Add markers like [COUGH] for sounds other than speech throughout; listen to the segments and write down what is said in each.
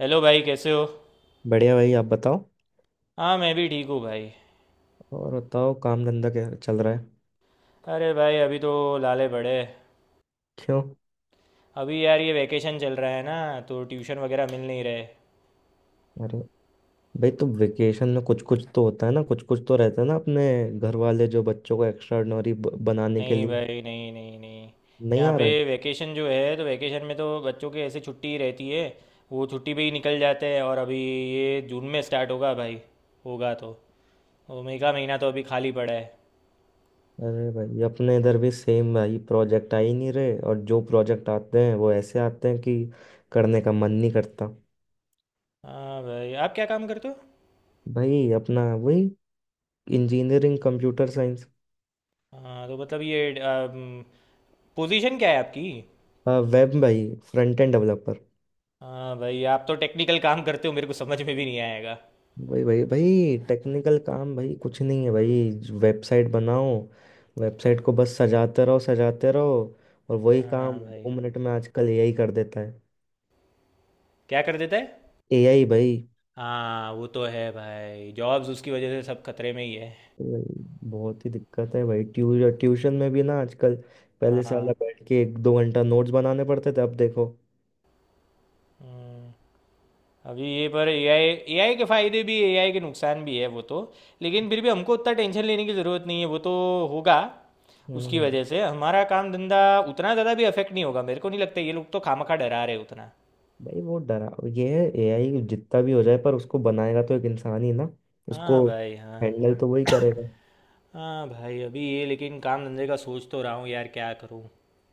Hello भाई, कैसे हो? बढ़िया भाई। आप बताओ हाँ, मैं भी ठीक हूँ भाई। और बताओ, काम धंधा क्या चल रहा है? अरे भाई, अभी तो लाले बड़े हैं। क्यों? अभी यार ये वैकेशन चल रहा है ना, तो ट्यूशन वगैरह मिल नहीं रहे। अरे भाई, तो वेकेशन में कुछ कुछ तो होता है ना, कुछ कुछ तो रहता है ना अपने। घर वाले जो बच्चों को एक्स्ट्राऑर्डिनरी बनाने के नहीं लिए भाई, नहीं, नहीं, नहीं। नहीं यहाँ आ पे रहे? वैकेशन जो है, तो वैकेशन में तो बच्चों के ऐसे छुट्टी रहती है। वो छुट्टी पे ही निकल जाते हैं। और अभी ये जून में स्टार्ट होगा भाई। होगा तो मई का महीना तो अभी खाली पड़ा है। अरे भाई, अपने इधर भी सेम भाई, प्रोजेक्ट आ ही नहीं रहे और जो प्रोजेक्ट आते हैं वो ऐसे आते हैं कि करने का मन नहीं करता। हाँ भाई, आप क्या काम करते हो? भाई अपना वही इंजीनियरिंग, कंप्यूटर साइंस। हाँ तो मतलब, ये पोजीशन क्या है आपकी? वेब भाई, फ्रंट एंड डेवलपर। हाँ भाई, आप तो टेक्निकल काम करते हो, मेरे को समझ में भी नहीं आएगा। भाई भाई भाई टेक्निकल काम भाई कुछ नहीं है भाई, वेबसाइट बनाओ, वेबसाइट को बस सजाते रहो, सजाते रहो, और वही हाँ काम भाई, 2 मिनट में आजकल एआई कर देता है। क्या कर देता है? एआई भाई। हाँ, वो तो है भाई, जॉब्स उसकी वजह से सब खतरे में ही है। भाई, बहुत ही दिक्कत है भाई ट्यूशन में भी ना आजकल। पहले हाँ, साला बैठ के एक दो घंटा नोट्स बनाने पड़ते थे, अब देखो। हम्म, अभी ये पर एआई, एआई के फायदे भी एआई के नुकसान भी है वो तो। लेकिन फिर भी हमको उतना टेंशन लेने की ज़रूरत नहीं है, वो तो होगा। उसकी हम्म वजह से हमारा काम धंधा उतना ज़्यादा भी अफेक्ट नहीं होगा, मेरे को नहीं लगता। ये लोग तो खामखा डरा रहे उतना। भाई, वो डरा, ये है एआई जितना भी हो जाए पर उसको बनाएगा तो एक इंसान ही ना। हाँ उसको भाई, हाँ। हैंडल तो वही करेगा। हाँ भाई, अभी ये लेकिन काम धंधे का सोच तो रहा हूँ यार, क्या करूँ।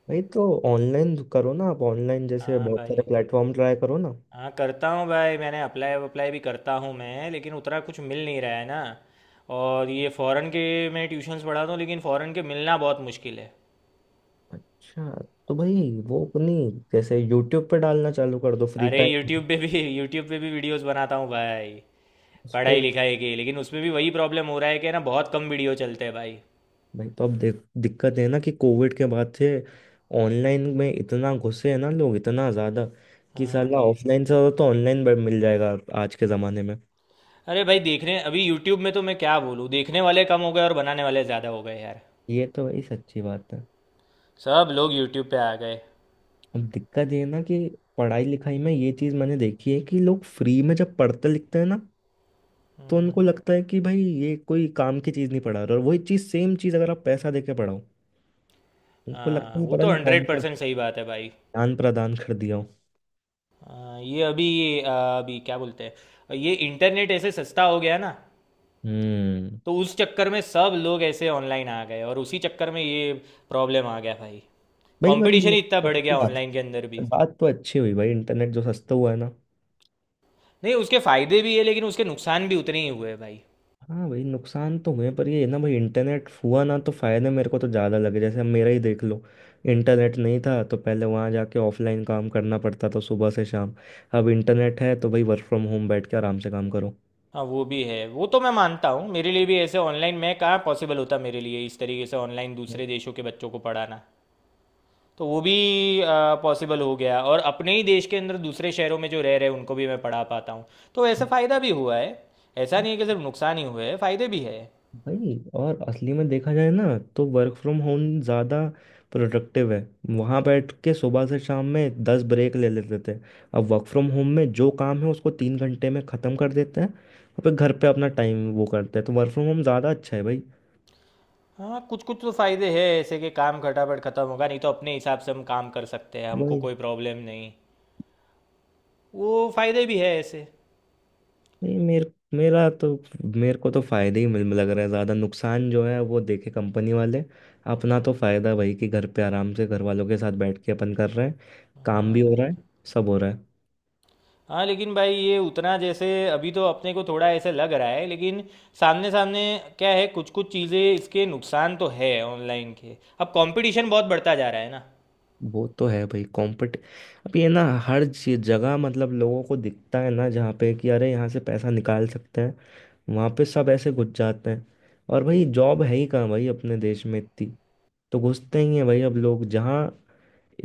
भाई तो ऑनलाइन करो ना आप, ऑनलाइन जैसे हाँ बहुत सारे भाई, प्लेटफॉर्म ट्राई करो ना। हाँ, करता हूँ भाई। मैंने अप्लाई अप्लाई भी करता हूँ मैं, लेकिन उतना कुछ मिल नहीं रहा है ना। और ये फॉरेन के, मैं ट्यूशन्स पढ़ाता हूँ, लेकिन फॉरेन के मिलना बहुत मुश्किल है। अच्छा, तो भाई वो अपनी जैसे यूट्यूब पे डालना चालू कर दो फ्री अरे टाइम में। यूट्यूब पे भी [LAUGHS] यूट्यूब पे भी वीडियोस बनाता हूँ भाई, उस पे पढ़ाई लिखाई की। लेकिन उसमें भी वही प्रॉब्लम हो रहा है कि ना, बहुत कम वीडियो चलते हैं भाई। भाई, तो अब देख दिक्कत है ना कि कोविड के बाद से ऑनलाइन में इतना घुसे हैं ना लोग, इतना ज़्यादा कि हाँ साला भाई। ऑफलाइन से ज़्यादा तो ऑनलाइन मिल जाएगा आज के ज़माने में। अरे भाई देखने, अभी यूट्यूब में तो मैं क्या बोलूँ, देखने वाले कम हो गए और बनाने वाले ज़्यादा हो गए यार। ये तो भाई सच्ची बात है। सब लोग यूट्यूब पे आ गए। अब दिक्कत ये है ना कि पढ़ाई लिखाई में ये चीज मैंने देखी है कि लोग फ्री में जब पढ़ते लिखते हैं ना तो हम्म। उनको लगता है कि भाई ये कोई काम की चीज नहीं पढ़ा रहा, और वही चीज, सेम चीज अगर आप पैसा देके पढ़ाओ, उनको लगता हाँ, है वो पता तो नहीं कौन हंड्रेड सा परसेंट सही बात है भाई। ज्ञान प्रदान कर दिया हो। ये अभी अभी क्या बोलते हैं, ये इंटरनेट ऐसे सस्ता हो गया ना, हम्म तो उस चक्कर में सब लोग ऐसे ऑनलाइन आ गए और उसी चक्कर में ये प्रॉब्लम आ गया भाई। भाई पर ये कंपटीशन इतना बढ़ सबकी गया बात, ऑनलाइन के अंदर भी। बात तो अच्छी हुई भाई इंटरनेट जो सस्ता हुआ है ना। नहीं, उसके फायदे भी है लेकिन उसके नुकसान भी उतने ही हुए हैं भाई। हाँ भाई, नुकसान तो हुए पर ये है ना भाई, इंटरनेट हुआ ना तो फायदे मेरे को तो ज़्यादा लगे, जैसे अब मेरा ही देख लो। इंटरनेट नहीं था तो पहले वहाँ जाके ऑफलाइन काम करना पड़ता था सुबह से शाम। अब इंटरनेट है तो भाई वर्क फ्रॉम होम बैठ के आराम से काम करो। हाँ वो भी है, वो तो मैं मानता हूँ। मेरे लिए भी ऐसे ऑनलाइन, मैं कहाँ पॉसिबल होता मेरे लिए इस तरीके से ऑनलाइन दूसरे देशों के बच्चों को पढ़ाना, तो वो भी पॉसिबल हो गया। और अपने ही देश के अंदर दूसरे शहरों में जो रह रहे हैं उनको भी मैं पढ़ा पाता हूँ, तो ऐसा फ़ायदा भी हुआ है। ऐसा नहीं है कि सिर्फ नुकसान ही हुए हैं, फ़ायदे भी है। भाई और असली में देखा जाए ना तो वर्क फ्रॉम होम ज़्यादा प्रोडक्टिव है। वहाँ बैठ के सुबह से शाम में 10 ब्रेक ले लेते थे, अब वर्क फ्रॉम होम में जो काम है उसको 3 घंटे में ख़त्म कर देते हैं और फिर घर पे अपना टाइम वो करते हैं। तो वर्क फ्रॉम होम ज़्यादा अच्छा है भाई। हाँ, कुछ कुछ तो फ़ायदे हैं ऐसे कि काम खटापट ख़त्म होगा, नहीं तो अपने हिसाब से हम काम कर सकते हैं, हमको वही। कोई प्रॉब्लम नहीं। वो फ़ायदे भी है ऐसे। नहीं मेरे मेरा तो मेरे को तो फायदे ही मिल लग रहा है ज़्यादा, नुकसान जो है वो देखे कंपनी वाले। अपना तो फायदा भाई कि घर पे आराम से घर वालों के साथ बैठ के अपन कर रहे हैं, काम हाँ भी हो भाई। रहा है, सब हो रहा है। हाँ लेकिन भाई, ये उतना जैसे अभी तो अपने को थोड़ा ऐसे लग रहा है, लेकिन सामने सामने क्या है, कुछ कुछ चीज़ें इसके नुकसान तो है ऑनलाइन के, अब कंपटीशन बहुत बढ़ता जा रहा है ना। वो तो है भाई, कॉम्पिट अब ये ना हर चीज जगह मतलब लोगों को दिखता है ना जहाँ पे कि अरे यहाँ से पैसा निकाल सकते हैं, वहाँ पे सब ऐसे घुस जाते हैं। और भाई जॉब है ही कहाँ भाई अपने देश में इतनी, तो घुसते ही हैं भाई अब लोग जहाँ।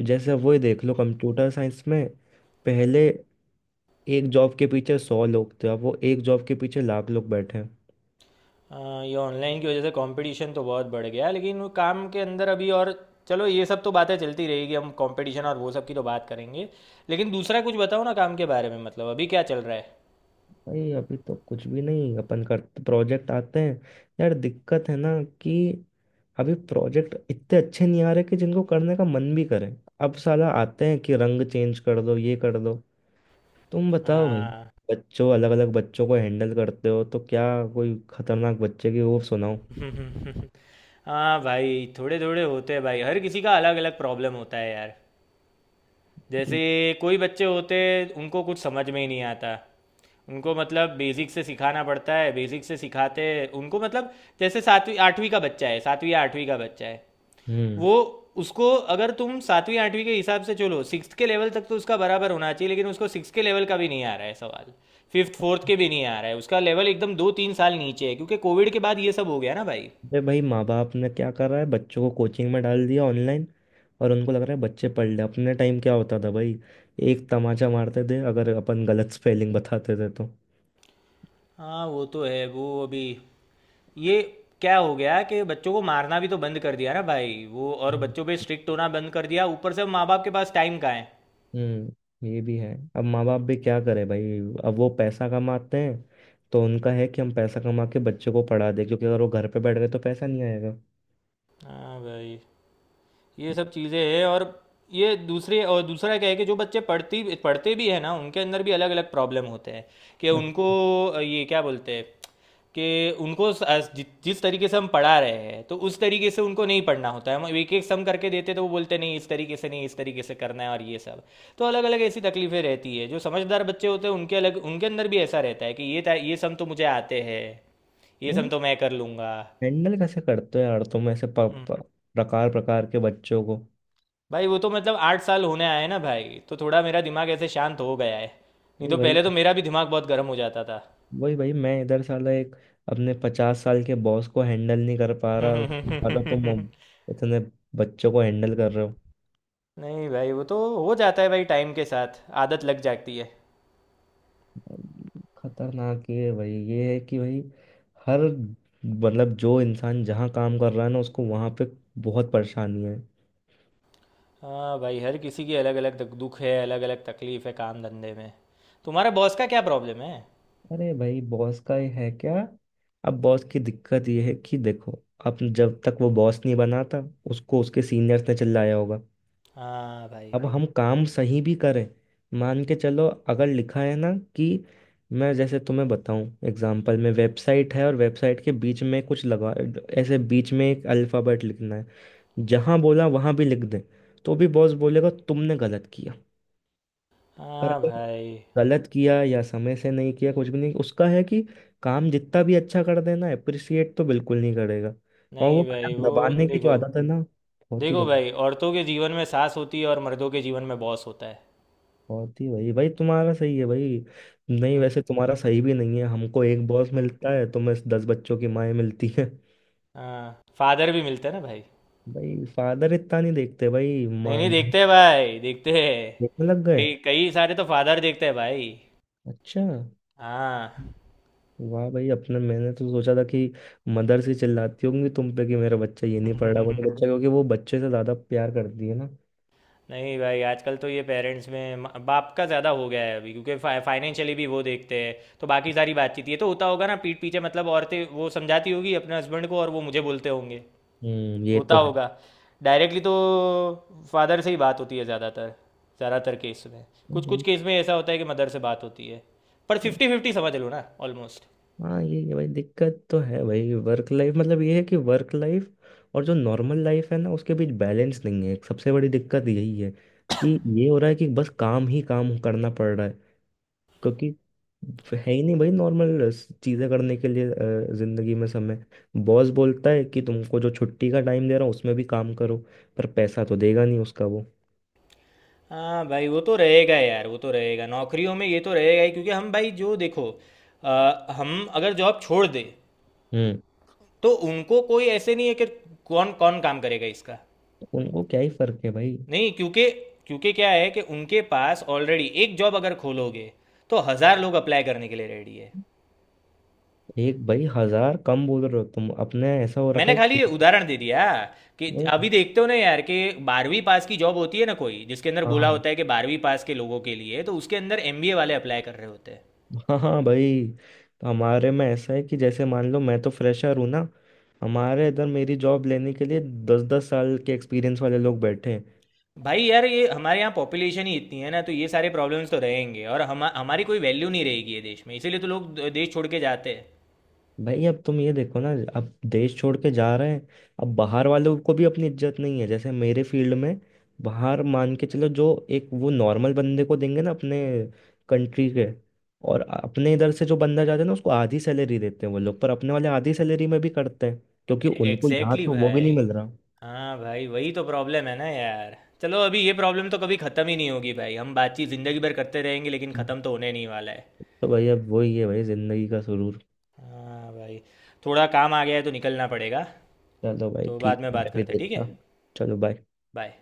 जैसे अब वही देख लो कंप्यूटर साइंस में, पहले एक जॉब के पीछे 100 लोग थे, अब वो एक जॉब के पीछे लाख लोग बैठे हैं। हाँ, ये ऑनलाइन की वजह से कंपटीशन तो बहुत बढ़ गया है, लेकिन वो काम के अंदर अभी और, चलो ये सब तो बातें चलती रहेगी, हम कंपटीशन और वो सब की तो बात करेंगे, लेकिन दूसरा कुछ बताओ ना काम के बारे में, मतलब अभी क्या चल रहा है। भाई अभी तो कुछ भी नहीं अपन कर, प्रोजेक्ट आते हैं यार, दिक्कत है ना कि अभी प्रोजेक्ट इतने अच्छे नहीं आ रहे कि जिनको करने का मन भी करे। अब साला आते हैं कि रंग चेंज कर दो, ये कर दो। तुम बताओ भाई, हाँ। बच्चों, अलग अलग बच्चों को हैंडल करते हो तो क्या कोई खतरनाक बच्चे की वो सुनाओ। [LAUGHS] हाँ भाई, थोड़े थोड़े होते हैं भाई, हर किसी का अलग अलग प्रॉब्लम होता है यार। जैसे कोई बच्चे होते हैं, उनको कुछ समझ में ही नहीं आता। उनको मतलब बेसिक से सिखाना पड़ता है, बेसिक से सिखाते हैं उनको। मतलब जैसे सातवीं आठवीं का बच्चा है, सातवीं या आठवीं का बच्चा है। हम्म वो, उसको, अगर तुम सातवीं आठवीं के हिसाब से चलो, सिक्स के लेवल तक तो उसका बराबर होना चाहिए, लेकिन उसको सिक्स के लेवल का भी नहीं आ रहा है सवाल, फिफ्थ फोर्थ के भी नहीं आ रहा है। उसका लेवल एकदम 2-3 साल नीचे है क्योंकि कोविड के बाद ये सब हो गया ना भाई। अरे भाई माँ बाप ने क्या कर रहा है, बच्चों को कोचिंग में डाल दिया ऑनलाइन और उनको लग रहा है बच्चे पढ़ ले। अपने टाइम क्या होता था भाई, एक तमाचा मारते थे अगर अपन गलत स्पेलिंग बताते थे तो। हाँ वो तो है। वो अभी ये क्या हो गया कि बच्चों को मारना भी तो बंद कर दिया ना भाई, वो और हम्म। बच्चों पे स्ट्रिक्ट होना बंद कर दिया। ऊपर से माँ बाप के पास टाइम कहाँ है? हम्म, ये भी है। अब माँ बाप भी क्या करे भाई, अब वो पैसा कमाते हैं तो उनका है कि हम पैसा कमा के बच्चों को पढ़ा दें, क्योंकि अगर वो घर पे बैठ गए तो पैसा नहीं आएगा। हाँ भाई, ये सब चीज़ें हैं। और ये दूसरे और दूसरा क्या है कि जो बच्चे पढ़ती पढ़ते भी है ना, उनके अंदर भी अलग अलग प्रॉब्लम होते हैं कि बट उनको ये क्या बोलते हैं, कि उनको जिस तरीके से हम पढ़ा रहे हैं, तो उस तरीके से उनको नहीं पढ़ना होता है। हम एक एक सम करके देते, तो वो बोलते नहीं, इस तरीके से नहीं, इस तरीके से करना है, और ये सब। तो अलग अलग ऐसी तकलीफें रहती है। जो समझदार बच्चे होते हैं, उनके अलग, उनके अंदर भी ऐसा रहता है कि ये सम तो मुझे आते हैं, ये सम भाई तो मैं कर लूँगा। हैंडल कैसे करते हो यार तुम ऐसे प, प, प्रकार प्रकार के बच्चों को? भाई वो तो मतलब 8 साल होने आए हैं ना भाई, तो थोड़ा मेरा दिमाग ऐसे शांत हो गया है, नहीं वही तो भाई पहले तो मेरा भी दिमाग बहुत गर्म हो जाता था। वही भाई, मैं इधर साला एक अपने 50 साल के बॉस को हैंडल नहीं कर पा रहा, उससे ज्यादा तुम [LAUGHS] इतने बच्चों को हैंडल कर रहे हो। नहीं भाई, वो तो हो जाता है भाई, टाइम के साथ आदत लग जाती है। खतरनाक ये है भाई, ये है कि भाई हर, मतलब जो इंसान जहाँ काम कर रहा है ना उसको वहाँ पे बहुत परेशानी है। हाँ भाई, हर किसी की अलग अलग दुख है, अलग अलग तकलीफ है काम धंधे में। तुम्हारे बॉस का क्या प्रॉब्लम है? अरे भाई बॉस का ही है क्या। अब बॉस की दिक्कत ये है कि देखो, अब जब तक वो बॉस नहीं बना था, उसको उसके सीनियर्स ने चिल्लाया होगा। हाँ भाई। अब हम काम सही भी करें, मान के चलो अगर लिखा है ना कि, मैं जैसे तुम्हें बताऊं एग्जांपल में, वेबसाइट है और वेबसाइट के बीच में कुछ लगा ऐसे, बीच में एक अल्फ़ाबेट लिखना है, जहां बोला वहां भी लिख दें तो भी बॉस बोलेगा तुमने गलत किया। और हाँ अगर भाई। गलत किया या समय से नहीं किया, कुछ भी नहीं उसका है कि काम जितना भी अच्छा कर देना अप्रिशिएट तो बिल्कुल नहीं करेगा, और नहीं वो भाई, कलम वो दबाने की जो देखो, आदत है ना, बहुत ही देखो गलत। भाई, औरतों के जीवन में सास होती है और मर्दों के जीवन में बॉस होता है। बहुत ही भाई भाई तुम्हारा सही है भाई। [LAUGHS] नहीं, हम्म, वैसे तुम्हारा सही भी नहीं है, हमको एक बॉस हम्म, मिलता है, तुम्हें 10 बच्चों की माएँ मिलती हैं। हाँ फादर भी मिलता है ना भाई। भाई फादर इतना नहीं देखते भाई, नहीं, माँ नहीं माँ देखते हैं भाई, देखते हैं। देखने लग गए? कई कई सारे तो फादर देखते हैं भाई। अच्छा, हाँ। वाह भाई। अपने मैंने तो सोचा था कि मदर से चिल्लाती होंगी तुम पे कि मेरा बच्चा ये नहीं पढ़ रहा वो नहीं, बच्चा [LAUGHS] क्योंकि वो बच्चे से ज्यादा प्यार करती है ना। नहीं भाई, आजकल तो ये पेरेंट्स में बाप का ज़्यादा हो गया है अभी, क्योंकि फाइनेंशियली भी वो देखते हैं। तो बाकी सारी बातचीत, ये तो होता होगा ना पीठ पीछे, मतलब औरतें वो समझाती होगी अपने हस्बैंड को और वो मुझे बोलते होंगे। हम्म, ये होता तो है। होगा। डायरेक्टली तो फादर से ही बात होती है ज़्यादातर ज़्यादातर केस में। कुछ कुछ केस में ऐसा होता है कि मदर से बात होती है। पर हम्म, 50-50 समझ लो ना, ऑलमोस्ट। हाँ ये भाई दिक्कत तो है भाई वर्क लाइफ, मतलब ये है कि वर्क लाइफ और जो नॉर्मल लाइफ है ना उसके बीच बैलेंस नहीं है, सबसे बड़ी दिक्कत यही है कि, ये हो रहा है कि बस काम ही काम करना पड़ रहा है, क्योंकि है ही नहीं भाई नॉर्मल चीज़ें करने के लिए ज़िंदगी में समय। बॉस बोलता है कि तुमको जो छुट्टी का टाइम दे रहा हूँ उसमें भी काम करो, पर पैसा तो देगा नहीं उसका वो। हाँ भाई, वो तो रहेगा यार, वो तो रहेगा नौकरियों में, ये तो रहेगा ही, क्योंकि हम भाई जो देखो, हम अगर जॉब छोड़ दे हम्म तो उनको कोई ऐसे नहीं है कि कौन कौन काम करेगा इसका। तो उनको क्या ही फर्क है भाई। नहीं, क्योंकि क्योंकि क्या है कि उनके पास ऑलरेडी एक जॉब अगर खोलोगे, तो 1,000 लोग अप्लाई करने के लिए रेडी है। एक भाई हजार कम बोल रहे हो तुम, अपने ऐसा हो रखा मैंने है खाली कि, ये उदाहरण दे दिया कि अभी देखते हो ना यार कि 12वीं पास की जॉब होती है ना कोई, जिसके अंदर बोला हाँ होता है कि 12वीं पास के लोगों के लिए, तो उसके अंदर एमबीए वाले अप्लाई कर रहे होते हैं। हाँ हाँ भाई तो हमारे में ऐसा है कि जैसे मान लो मैं तो फ्रेशर हूँ ना, हमारे इधर मेरी जॉब लेने के लिए 10-10 साल के एक्सपीरियंस वाले लोग बैठे हैं। भाई यार, ये हमारे यहाँ पॉपुलेशन ही इतनी है ना, तो ये सारे प्रॉब्लम्स तो रहेंगे और हम, हमारी कोई वैल्यू नहीं रहेगी ये देश में। इसीलिए तो लोग देश छोड़ के जाते हैं। भाई अब तुम ये देखो ना, अब देश छोड़ के जा रहे हैं, अब बाहर वालों को भी अपनी इज्जत नहीं है, जैसे मेरे फील्ड में बाहर मान के चलो जो एक वो नॉर्मल बंदे को देंगे ना अपने कंट्री के, और अपने इधर से जो बंदा जाता है ना उसको आधी सैलरी देते हैं वो लोग, पर अपने वाले आधी सैलरी में भी करते हैं क्योंकि एग्जैक्टली उनको यहाँ exactly तो वो भी नहीं भाई। मिल रहा। हाँ भाई, वही तो प्रॉब्लम है ना यार। चलो अभी ये प्रॉब्लम तो कभी ख़त्म ही नहीं होगी भाई, हम बातचीत ज़िंदगी भर करते रहेंगे लेकिन ख़त्म तो होने नहीं वाला है। तो भाई अब वही है भाई, जिंदगी का सुरूर। हाँ भाई, थोड़ा काम आ गया है तो निकलना पड़ेगा। चलो भाई तो बाद ठीक में है, बात मैं भी करते हैं, ठीक है? देखता। चलो बाय। बाय।